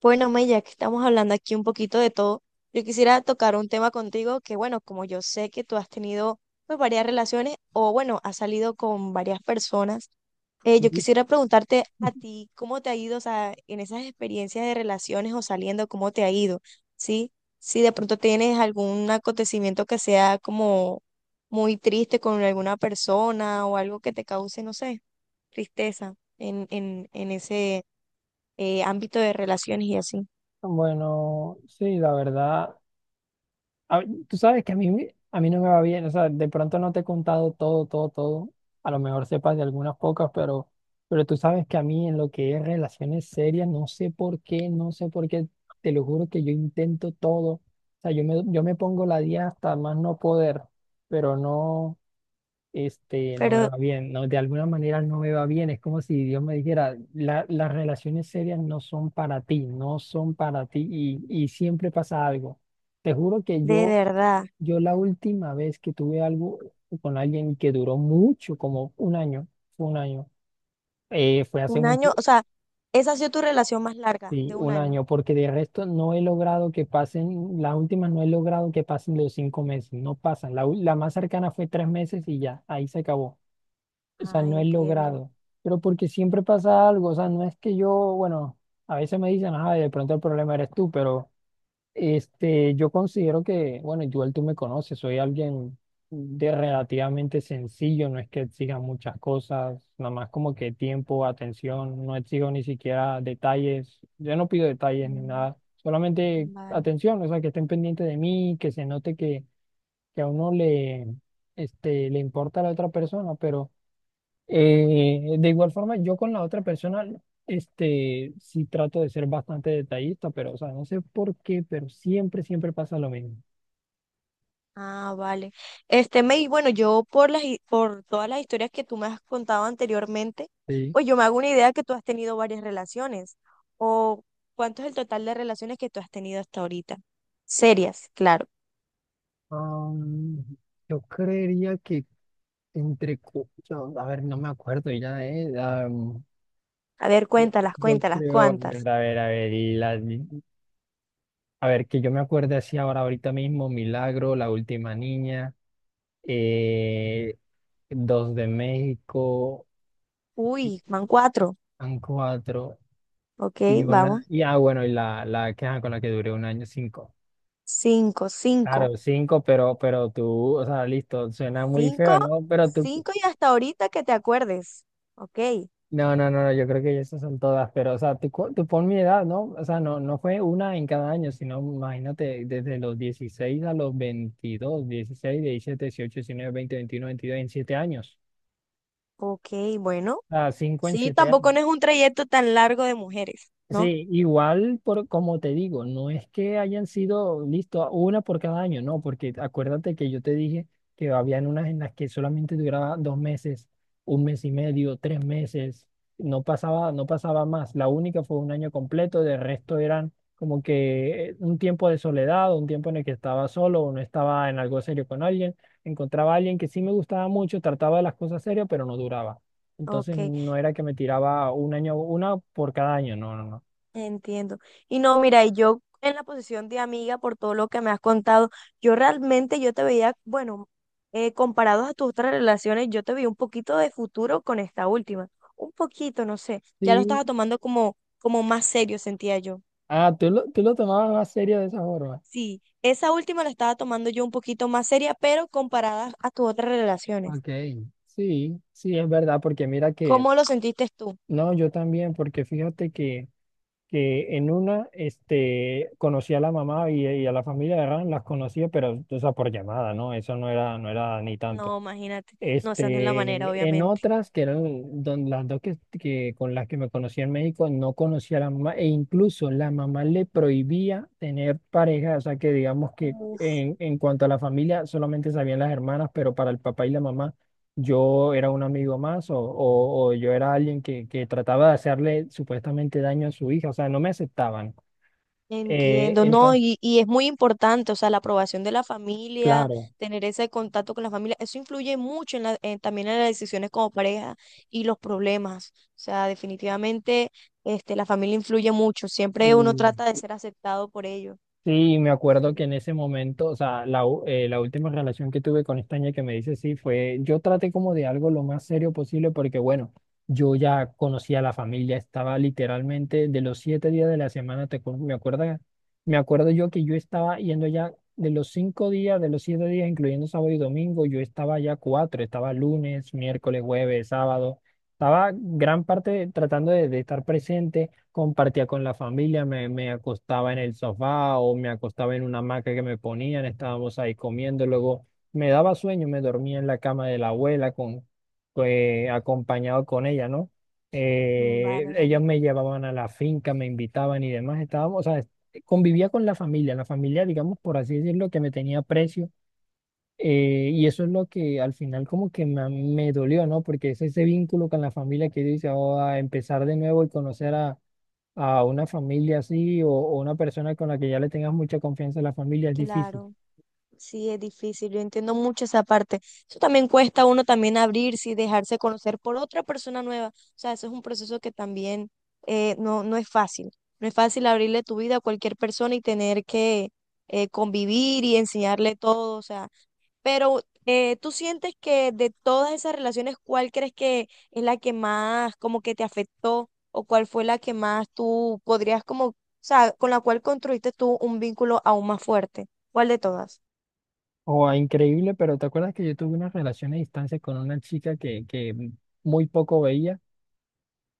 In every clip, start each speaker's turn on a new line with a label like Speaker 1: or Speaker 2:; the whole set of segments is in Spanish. Speaker 1: Bueno, May, ya que estamos hablando aquí un poquito de todo, yo quisiera tocar un tema contigo que, bueno, como yo sé que tú has tenido pues, varias relaciones o, bueno, has salido con varias personas, yo quisiera preguntarte a ti cómo te ha ido, o sea, en esas experiencias de relaciones o saliendo, cómo te ha ido, ¿sí? Si de pronto tienes algún acontecimiento que sea como muy triste con alguna persona o algo que te cause, no sé, tristeza en ese ámbito de relaciones y así.
Speaker 2: Bueno, sí, la verdad, tú sabes que a mí, a mí no me va bien, o sea, de pronto no te he contado todo, todo, todo, a lo mejor sepas de algunas pocas, pero, tú sabes que a mí en lo que es relaciones serias, no sé por qué, no sé por qué, te lo juro que yo intento todo, o sea, yo me pongo la día hasta más no poder, pero no. No me
Speaker 1: Pero
Speaker 2: va bien, no, de alguna manera no me va bien, es como si Dios me dijera, Las relaciones serias no son para ti, no son para ti y siempre pasa algo." Te juro que
Speaker 1: de
Speaker 2: yo,
Speaker 1: verdad,
Speaker 2: la última vez que tuve algo con alguien que duró mucho, como un año, fue hace
Speaker 1: un año,
Speaker 2: mucho,
Speaker 1: o sea, esa ha sido tu relación más larga,
Speaker 2: sí,
Speaker 1: de un
Speaker 2: un
Speaker 1: año.
Speaker 2: año, porque de resto no he logrado que pasen, las últimas no he logrado que pasen los 5 meses, no pasan, la más cercana fue 3 meses y ya, ahí se acabó. O sea,
Speaker 1: Ah,
Speaker 2: no he
Speaker 1: entiendo.
Speaker 2: logrado. Pero porque siempre pasa algo. O sea, no es que yo, bueno, a veces me dicen, ah, de pronto el problema eres tú, pero yo considero que, bueno, igual tú me conoces, soy alguien de relativamente sencillo, no es que exija muchas cosas, nada más como que tiempo, atención, no exijo ni siquiera detalles. Yo no pido detalles ni
Speaker 1: Mm,
Speaker 2: nada, solamente
Speaker 1: vale.
Speaker 2: atención, o sea, que estén pendientes de mí, que se note que a uno le, le importa a la otra persona, pero. De igual forma, yo con la otra persona, sí trato de ser bastante detallista, pero, o sea, no sé por qué, pero siempre, siempre pasa lo mismo.
Speaker 1: Ah, vale. Este, May, bueno, yo por las, por todas las historias que tú me has contado anteriormente,
Speaker 2: Sí.
Speaker 1: pues yo me hago una idea que tú has tenido varias relaciones. O cuánto es el total de relaciones que tú has tenido hasta ahorita. Serias, claro.
Speaker 2: Am, yo creería que entre, a ver, no me acuerdo ya,
Speaker 1: A ver,
Speaker 2: yo,
Speaker 1: cuéntalas,
Speaker 2: yo
Speaker 1: cuéntalas,
Speaker 2: creo, a ver,
Speaker 1: ¿cuántas?
Speaker 2: a ver, a ver, a ver, que yo me acuerde así ahora, ahorita mismo, Milagro, La Última Niña, eh, Dos de México,
Speaker 1: Uy, van cuatro.
Speaker 2: han cuatro.
Speaker 1: Ok,
Speaker 2: Y una,
Speaker 1: vamos.
Speaker 2: y ah, bueno, la que, ajá, con la que duré un año, cinco.
Speaker 1: Cinco, cinco.
Speaker 2: Claro, cinco, pero, tú, o sea, listo, suena muy
Speaker 1: Cinco,
Speaker 2: feo, ¿no? Pero tú,
Speaker 1: cinco y hasta ahorita que te acuerdes. Ok,
Speaker 2: no, no, no, no, yo creo que esas son todas, pero, o sea, tú, tú pon mi edad, ¿no? O sea, no, no fue una en cada año, sino, imagínate, desde los 16 a los 22 16 17 18 19 20 21 22 en 7 años.
Speaker 1: ok, bueno.
Speaker 2: O sea, cinco en
Speaker 1: Sí,
Speaker 2: siete.
Speaker 1: tampoco no es un trayecto tan largo de mujeres, ¿no?
Speaker 2: Sí, igual por como te digo, no es que hayan sido listo una por cada año, no, porque acuérdate que yo te dije que habían unas en las que solamente duraba 2 meses, un mes y medio, 3 meses, no pasaba, no pasaba más. La única fue un año completo, de resto eran como que un tiempo de soledad, o un tiempo en el que estaba solo o no estaba en algo serio con alguien, encontraba a alguien que sí me gustaba mucho, trataba de las cosas serias, pero no duraba. Entonces
Speaker 1: Ok,
Speaker 2: no era que me tiraba un año, una por cada año, no, no, no.
Speaker 1: entiendo. Y no, mira, y yo en la posición de amiga, por todo lo que me has contado, yo realmente yo te veía, bueno, comparados a tus otras relaciones, yo te veía un poquito de futuro con esta última. Un poquito, no sé. Ya lo
Speaker 2: Sí.
Speaker 1: estaba tomando como, como más serio, sentía yo.
Speaker 2: Ah, tú lo tomabas más serio de esa forma.
Speaker 1: Sí, esa última la estaba tomando yo un poquito más seria, pero comparada a tus otras relaciones.
Speaker 2: Ok. Sí, sí, es verdad, porque mira que,
Speaker 1: ¿Cómo lo sentiste tú?
Speaker 2: no, yo también, porque fíjate que en una, conocí a la mamá y a la familia de Ran, las conocía, pero, o sea, por llamada, ¿no? Eso no era, no era ni tanto.
Speaker 1: No, imagínate. No, esa no es la manera,
Speaker 2: Este, en
Speaker 1: obviamente.
Speaker 2: otras, que eran las dos que con las que me conocí en México, no conocía a la mamá e incluso la mamá le prohibía tener pareja, o sea que digamos que
Speaker 1: Uf,
Speaker 2: en cuanto a la familia solamente sabían las hermanas, pero para el papá y la mamá yo era un amigo más o, o yo era alguien que trataba de hacerle supuestamente daño a su hija, o sea, no me aceptaban.
Speaker 1: entiendo, no,
Speaker 2: Entonces,
Speaker 1: y es muy importante, o sea, la aprobación de la familia,
Speaker 2: claro.
Speaker 1: tener ese contacto con la familia, eso influye mucho en la, también en las decisiones como pareja y los problemas. O sea, definitivamente, este, la familia influye mucho. Siempre uno
Speaker 2: Sí.
Speaker 1: trata de ser aceptado por ellos.
Speaker 2: Sí, me
Speaker 1: Sí.
Speaker 2: acuerdo que en ese momento, o sea, la última relación que tuve con esta niña que me dice sí fue, yo traté como de algo lo más serio posible porque, bueno, yo ya conocía a la familia, estaba literalmente de los 7 días de la semana, me acuerdo yo que yo estaba yendo ya de los 5 días, de los 7 días, incluyendo sábado y domingo, yo estaba ya cuatro, estaba lunes, miércoles, jueves, sábado, estaba gran parte tratando de estar presente, compartía con la familia, me acostaba en el sofá o me acostaba en una hamaca que me ponían, estábamos ahí comiendo, luego me daba sueño, me dormía en la cama de la abuela con, pues, acompañado con ella, ¿no?
Speaker 1: Mm, vale,
Speaker 2: Ellos
Speaker 1: vale.
Speaker 2: me llevaban a la finca, me invitaban y demás, estábamos, o sea, convivía con la familia, digamos, por así decirlo, que me tenía precio. Y eso es lo que al final como que me dolió, ¿no? Porque es ese vínculo con la familia que dice, oh, a empezar de nuevo y conocer a, una familia así o, una persona con la que ya le tengas mucha confianza en la familia es difícil.
Speaker 1: Claro. Sí, es difícil, yo entiendo mucho esa parte. Eso también cuesta a uno también abrirse y dejarse conocer por otra persona nueva. O sea, eso es un proceso que también no, no es fácil. No es fácil abrirle tu vida a cualquier persona y tener que convivir y enseñarle todo. O sea, pero ¿tú sientes que de todas esas relaciones, cuál crees que es la que más como que te afectó o cuál fue la que más tú podrías como, o sea, con la cual construiste tú un vínculo aún más fuerte? ¿Cuál de todas?
Speaker 2: O a increíble, pero ¿te acuerdas que yo tuve una relación a distancia con una chica que muy poco veía?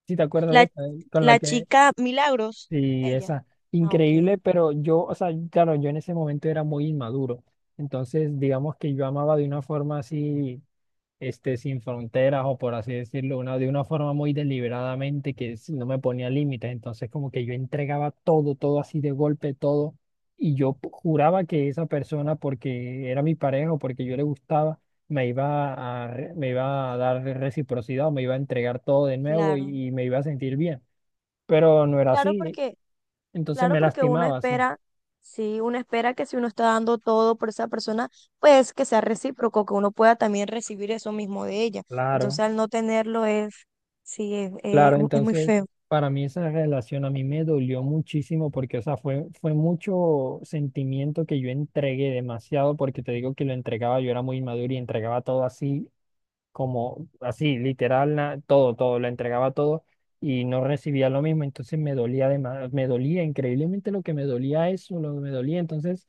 Speaker 2: ¿Sí te acuerdas de
Speaker 1: La,
Speaker 2: esa? Con la
Speaker 1: la
Speaker 2: que,
Speaker 1: chica Milagros,
Speaker 2: sí,
Speaker 1: ella.
Speaker 2: esa,
Speaker 1: Ah, ok,
Speaker 2: increíble, pero yo, o sea, claro, yo en ese momento era muy inmaduro, entonces digamos que yo amaba de una forma así. Sin fronteras o por así decirlo, una, de una forma muy deliberadamente no me ponía límites. Entonces como que yo entregaba todo, todo así de golpe, todo. Y yo juraba que esa persona, porque era mi pareja o porque yo le gustaba, me iba a dar reciprocidad o me iba a entregar todo de nuevo
Speaker 1: claro.
Speaker 2: y me iba a sentir bien. Pero no era
Speaker 1: Claro
Speaker 2: así.
Speaker 1: porque,
Speaker 2: Entonces
Speaker 1: claro
Speaker 2: me
Speaker 1: porque uno
Speaker 2: lastimaba, sí.
Speaker 1: espera, sí, uno espera que si uno está dando todo por esa persona, pues que sea recíproco, que uno pueda también recibir eso mismo de ella. Entonces
Speaker 2: Claro.
Speaker 1: al no tenerlo es, sí,
Speaker 2: Claro,
Speaker 1: es muy
Speaker 2: entonces
Speaker 1: feo.
Speaker 2: para mí esa relación a mí me dolió muchísimo porque, o sea, fue, fue mucho sentimiento que yo entregué demasiado porque te digo que lo entregaba, yo era muy maduro y entregaba todo así, como así, literal, todo, todo, lo entregaba todo y no recibía lo mismo, entonces me dolía además, me dolía increíblemente lo que me dolía eso, lo que me dolía, entonces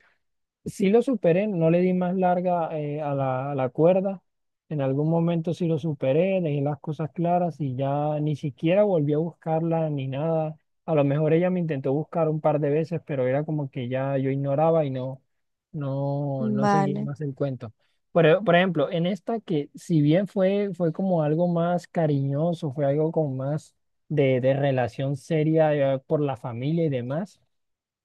Speaker 2: sí lo superé, no le di más larga a la cuerda. En algún momento sí lo superé, dejé las cosas claras y ya ni siquiera volví a buscarla ni nada. A lo mejor ella me intentó buscar un par de veces, pero era como que ya yo ignoraba y no, no, no seguí
Speaker 1: Vale.
Speaker 2: más el cuento. Por ejemplo, en esta que si bien fue, fue como algo más cariñoso, fue algo como más de, relación seria por la familia y demás.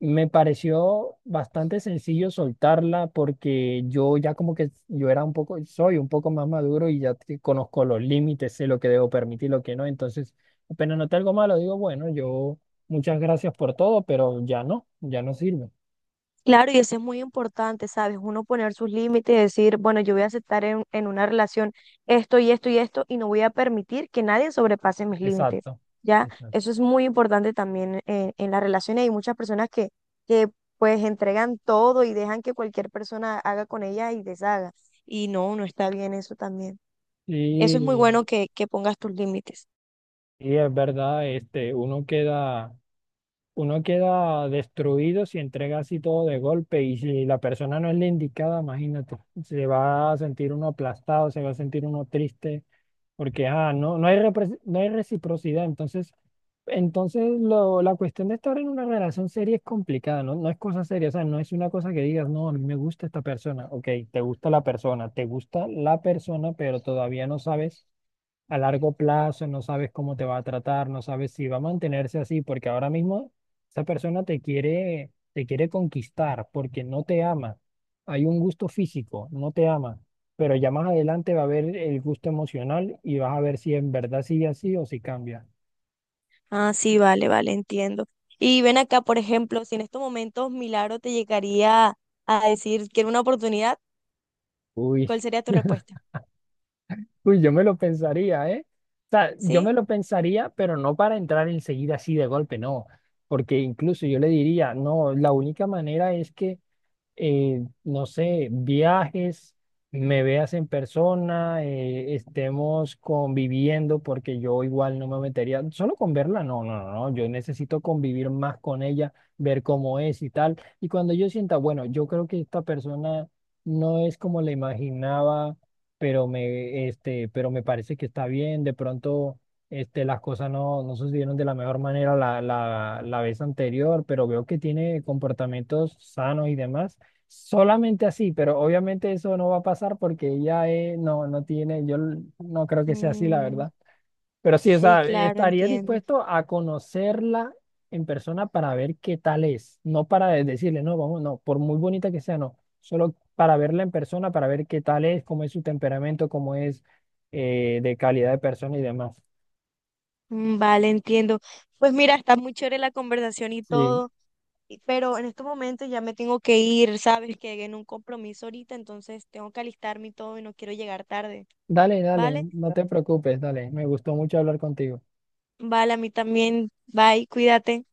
Speaker 2: Me pareció bastante sencillo soltarla porque yo ya como que yo era un poco, soy un poco más maduro y ya conozco los límites, sé lo que debo permitir, lo que no. Entonces, apenas noté algo malo, digo, bueno, yo muchas gracias por todo, pero ya no, ya no sirve.
Speaker 1: Claro, y eso es muy importante, ¿sabes? Uno poner sus límites y decir, bueno, yo voy a aceptar en una relación esto y esto y esto y no voy a permitir que nadie sobrepase mis límites,
Speaker 2: Exacto.
Speaker 1: ¿ya?
Speaker 2: Exacto.
Speaker 1: Eso es muy importante también en las relaciones. Hay muchas personas que pues entregan todo y dejan que cualquier persona haga con ella y deshaga. Y no, no está bien eso también. Eso es muy
Speaker 2: Y,
Speaker 1: bueno que pongas tus límites.
Speaker 2: y es verdad, uno queda. Uno queda destruido si entrega así todo de golpe y si la persona no es la indicada, imagínate, se va a sentir uno aplastado, se va a sentir uno triste, porque ah, no, no hay, no hay reciprocidad. Entonces lo, la cuestión de estar en una relación seria es complicada, ¿no? No es cosa seria, o sea, no es una cosa que digas, no, a mí me gusta esta persona, ok, te gusta la persona, te gusta la persona, pero todavía no sabes a largo plazo, no sabes cómo te va a tratar, no sabes si va a mantenerse así, porque ahora mismo esa persona te quiere conquistar porque no te ama. Hay un gusto físico, no te ama, pero ya más adelante va a haber el gusto emocional y vas a ver si en verdad sigue así o si cambia.
Speaker 1: Ah, sí, vale, vale, entiendo. Y ven acá, por ejemplo, si en estos momentos Milagro te llegaría a decir que era una oportunidad,
Speaker 2: Uy,
Speaker 1: ¿cuál sería tu respuesta?
Speaker 2: uy, yo me lo pensaría, ¿eh? O sea, yo me
Speaker 1: ¿Sí?
Speaker 2: lo pensaría, pero no para entrar enseguida así de golpe, no, porque incluso yo le diría, no, la única manera es que no sé, viajes, me veas en persona, estemos conviviendo, porque yo igual no me metería, solo con verla, no, no, no, no, yo necesito convivir más con ella, ver cómo es y tal. Y cuando yo sienta, bueno, yo creo que esta persona no es como la imaginaba, pero me parece que está bien, de pronto. Este, las cosas no, no sucedieron de la mejor manera la, la vez anterior, pero veo que tiene comportamientos sanos y demás. Solamente así, pero obviamente eso no va a pasar porque ella no, no tiene, yo no creo que sea así, la
Speaker 1: Mm,
Speaker 2: verdad. Pero sí, o
Speaker 1: sí,
Speaker 2: sea,
Speaker 1: claro,
Speaker 2: estaría
Speaker 1: entiendo.
Speaker 2: dispuesto a conocerla en persona para ver qué tal es, no para decirle, no, vamos, no, por muy bonita que sea, no, solo para verla en persona, para ver qué tal es, cómo es su temperamento, cómo es de calidad de persona y demás.
Speaker 1: Mm, vale, entiendo. Pues mira, está muy chévere la conversación y
Speaker 2: Sí,
Speaker 1: todo, y- pero en estos momentos ya me tengo que ir, sabes que en un compromiso ahorita, entonces tengo que alistarme y todo y no quiero llegar tarde,
Speaker 2: dale, dale,
Speaker 1: ¿vale?
Speaker 2: no te preocupes, dale, me gustó mucho hablar contigo.
Speaker 1: Vale, a mí también. Bye, cuídate.